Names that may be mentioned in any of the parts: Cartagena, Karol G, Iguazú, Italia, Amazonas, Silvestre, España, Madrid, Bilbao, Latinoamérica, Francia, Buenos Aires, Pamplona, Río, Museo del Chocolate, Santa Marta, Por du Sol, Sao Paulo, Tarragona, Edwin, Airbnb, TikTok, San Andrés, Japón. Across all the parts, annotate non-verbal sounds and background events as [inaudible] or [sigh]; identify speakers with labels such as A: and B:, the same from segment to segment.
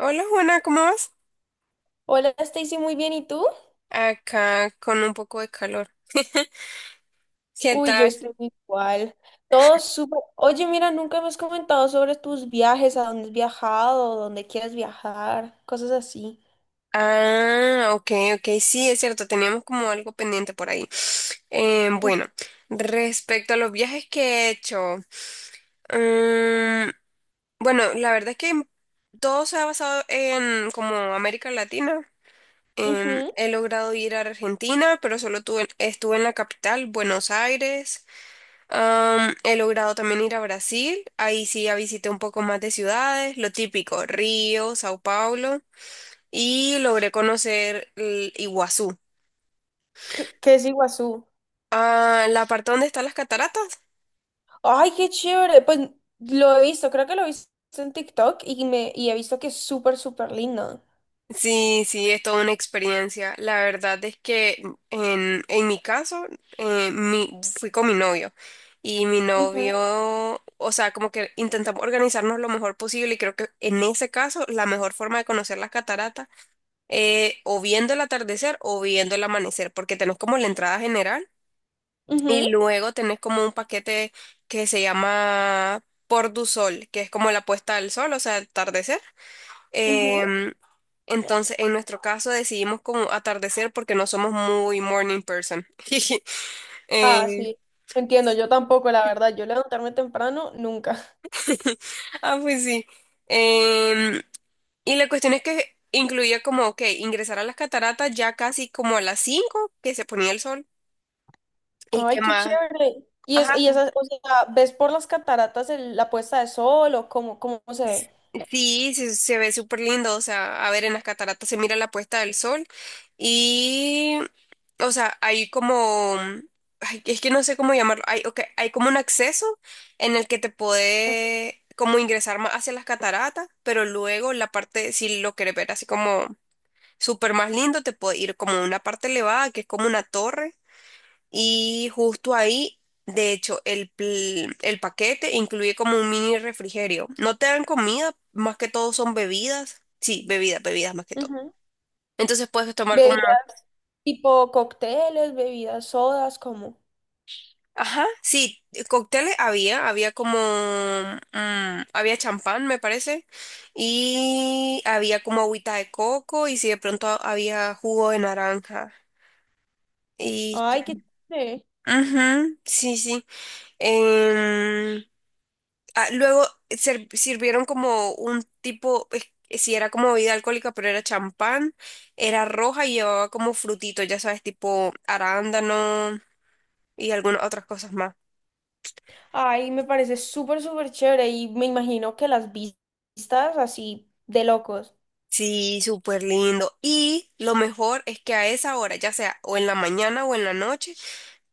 A: Hola Juana, ¿cómo vas?
B: Hola Stacy, muy bien, ¿y tú?
A: Acá con un poco de calor. [laughs] ¿Qué
B: Uy, yo
A: tal?
B: estoy igual. Todo súper. Oye, mira, nunca me has comentado sobre tus viajes, a dónde has viajado, dónde quieres viajar, cosas así.
A: Ah, ok, ok, sí, es cierto, teníamos como algo pendiente por ahí. Eh,
B: Mm,
A: bueno, respecto a los viajes que he hecho, mm, bueno, la verdad es que todo se ha basado en como América Latina.
B: ujú.
A: He logrado ir a Argentina, pero estuve en la capital, Buenos Aires. He logrado también ir a Brasil, ahí sí ya visité un poco más de ciudades, lo típico, Río, Sao Paulo, y logré conocer el Iguazú.
B: ¿Qué es Iguazú?
A: Ah, la parte donde están las cataratas.
B: Ay, qué chévere. Pues lo he visto, creo que lo he visto en TikTok y he visto que es súper, súper lindo.
A: Sí, sí, es toda una experiencia. La verdad es que en mi caso, eh, mi- fui con mi novio y mi
B: Ujú,
A: novio, o sea, como que intentamos organizarnos lo mejor posible y creo que en ese caso la mejor forma de conocer las cataratas o viendo el atardecer o viendo el amanecer, porque tenés como la entrada general
B: ujú,
A: y luego tenés como un paquete que se llama Por du Sol, que es como la puesta del sol, o sea, el atardecer.
B: ujú.
A: Em, entonces, en nuestro caso decidimos como atardecer porque no somos muy morning person. [laughs]
B: Ah,
A: Eh,
B: sí. Entiendo, yo tampoco, la verdad. Yo levantarme temprano, nunca.
A: ah, pues sí. Em, y la cuestión es que incluía como, ok, ingresar a las cataratas ya casi como a las 5 que se ponía el sol. ¿Y qué
B: Ay, qué
A: más?
B: chévere. Y es,
A: Ajá.
B: y esas, o sea, ¿ves por las cataratas la puesta de sol o cómo se ve?
A: Sí, se ve súper lindo, o sea, a ver, en las cataratas se mira la puesta del sol y, o sea, hay como, ay, es que no sé cómo llamarlo, hay, ok, hay como un acceso en el que te puede como ingresar más hacia las cataratas, pero luego la parte, si lo querés ver así como súper más lindo, te puede ir como una parte elevada, que es como una torre. Y justo ahí, de hecho, el paquete incluye como un mini refrigerio. No te dan comida, más que todo son bebidas. Sí, bebidas, bebidas más que todo.
B: Ujú.
A: Entonces puedes tomar como...
B: Bebidas tipo cócteles, bebidas sodas, como.
A: Ajá, sí, cócteles había, había como... había champán, me parece. Y había como agüita de coco y si de pronto había jugo de naranja. Y...
B: Ay, qué chévere.
A: ujú, sí, sí. Em, Ah, sirvieron como un tipo, si era como bebida alcohólica, pero era champán, era roja y llevaba como frutitos, ya sabes, tipo arándano y algunas otras cosas más.
B: Ay, me parece súper, súper chévere y me imagino que las vistas así de locos.
A: Sí, súper lindo. Y lo mejor es que a esa hora, ya sea o en la mañana o en la noche,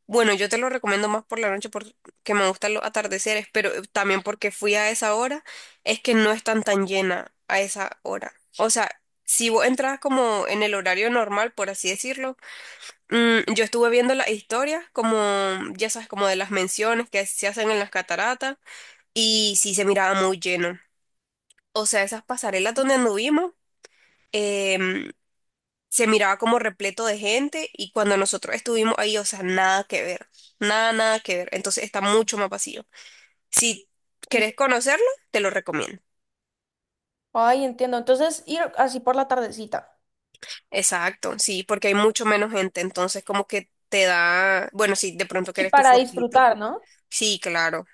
A: bueno, yo te lo recomiendo más por la noche porque me gustan los atardeceres, pero también porque fui a esa hora, es que no están tan llena a esa hora. O sea, si vos entras como en el horario normal, por así decirlo, yo estuve viendo las historias, como, ya sabes, como de las menciones que se hacen en las cataratas, y sí se miraba muy lleno. O sea, esas pasarelas donde anduvimos. em, Se miraba como repleto de gente y cuando nosotros estuvimos ahí, o sea, nada que ver, nada que ver. Entonces está mucho más vacío. Si
B: En-
A: querés conocerlo, te lo recomiendo.
B: Ay, entiendo. Entonces, ir así por la tardecita.
A: Exacto, sí, porque hay mucho menos gente, entonces como que te da, bueno, si de pronto
B: Y
A: querés tu
B: para
A: fotito.
B: disfrutar, ¿no?
A: Sí, claro.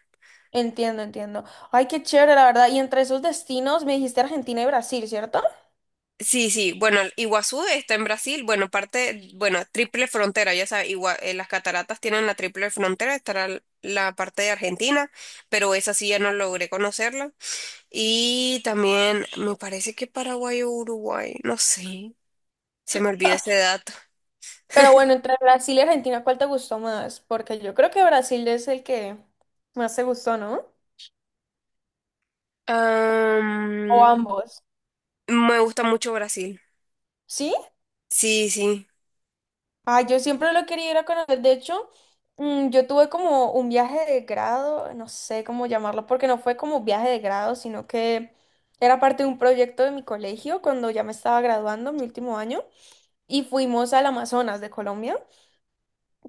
B: Entiendo, entiendo. Ay, qué chévere, la verdad. Y entre esos destinos me dijiste Argentina y Brasil, ¿cierto?
A: Sí, sí, bueno, el Iguazú está en Brasil, bueno, parte, bueno, triple frontera, ya sabes, las cataratas tienen la triple frontera, estará la parte de Argentina, pero esa sí ya no logré conocerla. Y también me parece que Paraguay o Uruguay, no sé, se me olvidó ese dato.
B: Pero bueno, entre Brasil y Argentina, ¿cuál te gustó más? Porque yo creo que Brasil es el que más te gustó, ¿no? O
A: Am,
B: ambos.
A: Me gusta mucho Brasil.
B: ¿Sí?
A: Sí, sí,
B: Ah, yo siempre lo quería ir a conocer. De hecho, yo tuve como un viaje de grado, no sé cómo llamarlo, porque no fue como viaje de grado, sino que era parte de un proyecto de mi colegio cuando ya me estaba graduando, mi último año, y fuimos al Amazonas de Colombia.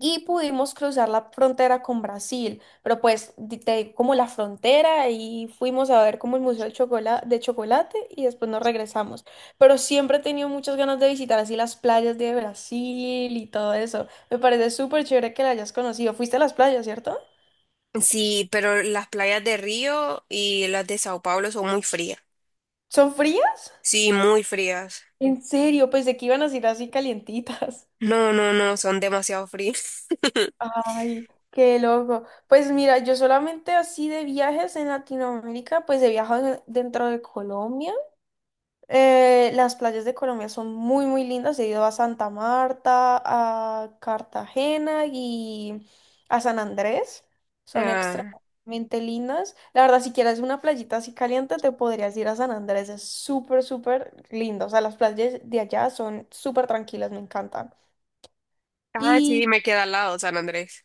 B: Y pudimos cruzar la frontera con Brasil, pero pues te digo, como la frontera y fuimos a ver como el Museo de Chocolate y después nos regresamos. Pero siempre he tenido muchas ganas de visitar así las playas de Brasil y todo eso. Me parece súper chévere que la hayas conocido. Fuiste a las playas, ¿cierto?
A: sí, pero las playas de Río y las de Sao Paulo son muy frías.
B: ¿Son frías?
A: Sí, muy frías.
B: En serio, pensé que iban a ser así calientitas.
A: No, no, no, son demasiado frías.
B: [laughs]
A: [laughs]
B: Ay, qué loco. Pues mira, yo solamente así de viajes en Latinoamérica, pues he viajado dentro de Colombia. Las playas de Colombia son muy, muy lindas. He ido a Santa Marta, a Cartagena y a San Andrés. Son
A: Ah,
B: extremadamente lindas. La verdad, si quieres una playita así caliente, te podrías ir a San Andrés. Es súper, súper lindo. O sea, las playas de allá son súper tranquilas, me encantan.
A: ah, sí, me queda al lado San Andrés.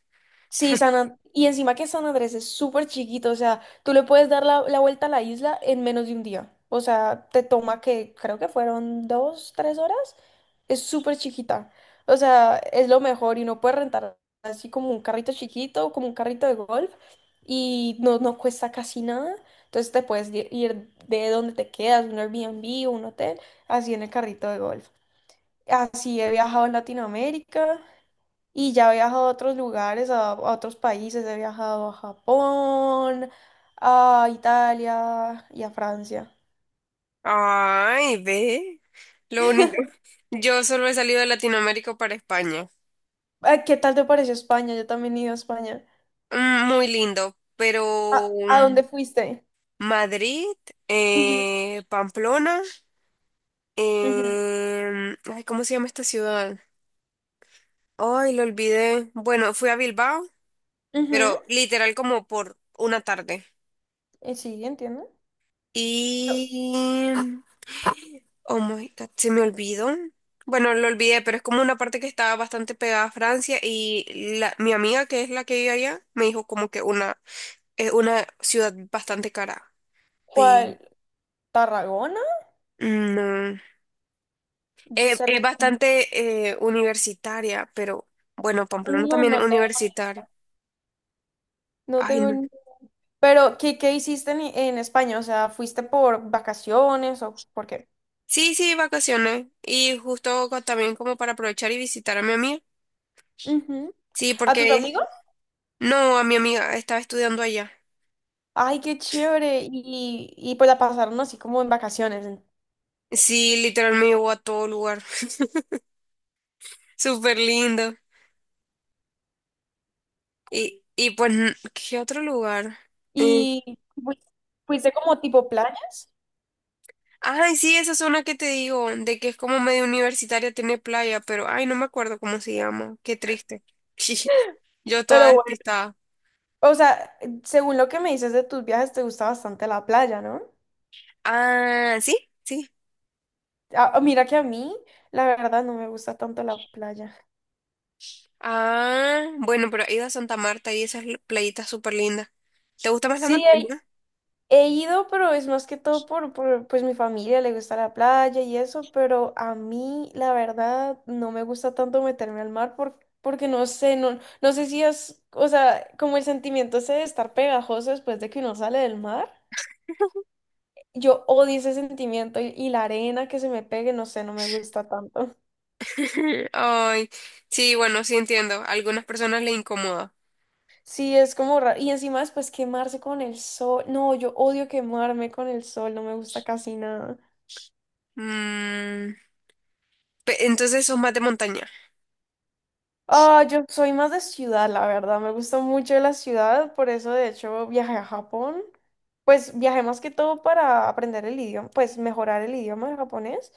B: Sí, y encima que San Andrés es súper chiquito, o sea, tú le puedes dar la vuelta a la isla en menos de un día. O sea, te toma que creo que fueron dos, tres horas. Es súper chiquita. O sea, es lo mejor y uno puede rentar así como un carrito chiquito, como un carrito de golf y no cuesta casi nada. Entonces te puedes ir de donde te quedas, un Airbnb o un hotel, así en el carrito de golf. Así he viajado en Latinoamérica. Y ya he viajado a otros lugares, a otros países, he viajado a Japón, a Italia y a Francia.
A: Ay, ve. Lo único.
B: [laughs]
A: [laughs] Yo solo he salido de Latinoamérica para España.
B: Ah, ¿qué tal te pareció España? Yo también he ido a España.
A: Muy lindo, pero
B: ¿A, a dónde fuiste?
A: Madrid,
B: Ujú,
A: Pamplona,
B: ujú,
A: ay, ¿cómo se llama esta ciudad? Ay, lo olvidé. Bueno, fui a Bilbao,
B: ujú.
A: pero literal como por una tarde.
B: Sí, entiendo.
A: Y... Oh my God, se me olvidó. Bueno, lo olvidé, pero es como una parte que estaba bastante pegada a Francia y mi amiga, que es la que vive allá, me dijo como que una, es una ciudad bastante cara. Pero,
B: ¿Cuál? ¿Tarragona?
A: no. Es
B: Cerca.
A: bastante universitaria, pero bueno, Pamplona
B: No,
A: también es
B: no tengo,
A: universitaria.
B: no
A: Ay,
B: tengo
A: no.
B: ni... Pero, ¿qué hiciste en España? O sea, ¿fuiste por vacaciones o por qué?
A: Sí, sí, vacaciones. Y justo también como para aprovechar y visitar a mi amiga.
B: Ujú.
A: Sí,
B: ¿A tus
A: porque
B: amigos?
A: no, a mi amiga estaba estudiando allá.
B: Ay, qué chévere. Y pues la pasaron así como en vacaciones.
A: Sí, literal me llevó a todo lugar. [laughs] Súper lindo. Y pues, ¿qué otro lugar? Eh,
B: Y fui- fuiste como tipo playas,
A: Ay, sí, esa zona que te digo, de que es como medio universitaria, tiene playa, pero ay, no me acuerdo cómo se llama. Qué triste. [laughs] Yo toda
B: pero bueno,
A: despistada.
B: o sea, según lo que me dices de tus viajes, te gusta bastante la playa, ¿no?
A: Ah, sí, sí.
B: Ah, mira que a mí, la verdad, no me gusta tanto la playa.
A: Ah, bueno, pero he ido a Santa Marta y esas playitas súper lindas. ¿Te gusta más la
B: Sí,
A: montaña?
B: he ido, pero es más que todo pues mi familia le gusta la playa y eso, pero a mí la verdad no me gusta tanto meterme al mar porque no sé, no sé si es, o sea, como el sentimiento ese de estar pegajoso después de que uno sale del mar. Yo odio ese sentimiento y la arena que se me pegue, no sé, no me gusta tanto.
A: [laughs] Ay, sí, bueno, sí entiendo. A algunas personas le incomoda.
B: Sí, es como raro. Y encima después quemarse con el sol. No, yo odio quemarme con el sol, no me gusta casi nada.
A: Mm, entonces sos más de montaña.
B: Ah, yo soy más de ciudad, la verdad. Me gusta mucho la ciudad, por eso de hecho viajé a Japón. Pues viajé más que todo para aprender el idioma, pues mejorar el idioma de japonés.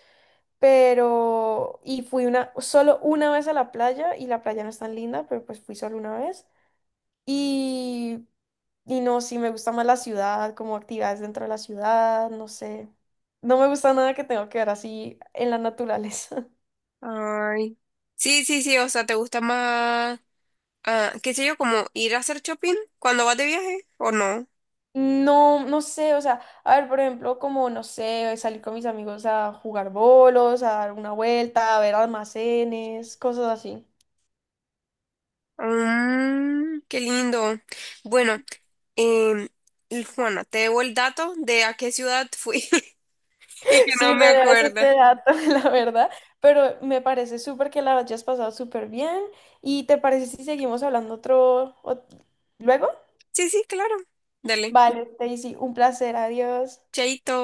B: Pero, y fui una, solo una vez a la playa, y la playa no es tan linda, pero pues fui solo una vez. Y, y no, sí, me gusta más la ciudad, como actividades dentro de la ciudad, no sé. No me gusta nada que tenga que ver así en la naturaleza.
A: Ay. Sí, sí, sí, o sea, ¿te gusta más, ah, qué sé yo, como ir a hacer shopping cuando vas de viaje o no?
B: No, no sé, o sea, a ver, por ejemplo, como, no sé, salir con mis amigos a jugar bolos, a dar una vuelta, a ver almacenes, cosas así. [laughs]
A: Mm, qué lindo. Bueno, em, y Juana, te debo el dato de a qué ciudad fui. [laughs] Y que no
B: Sí, me
A: me
B: debes
A: acuerdo.
B: este dato, [laughs] la verdad, pero me parece súper que la hayas pasado súper bien y ¿te parece si seguimos hablando luego?
A: Sí, sí, claro. Dale.
B: Vale, Stacy, un placer, adiós.
A: Chaito.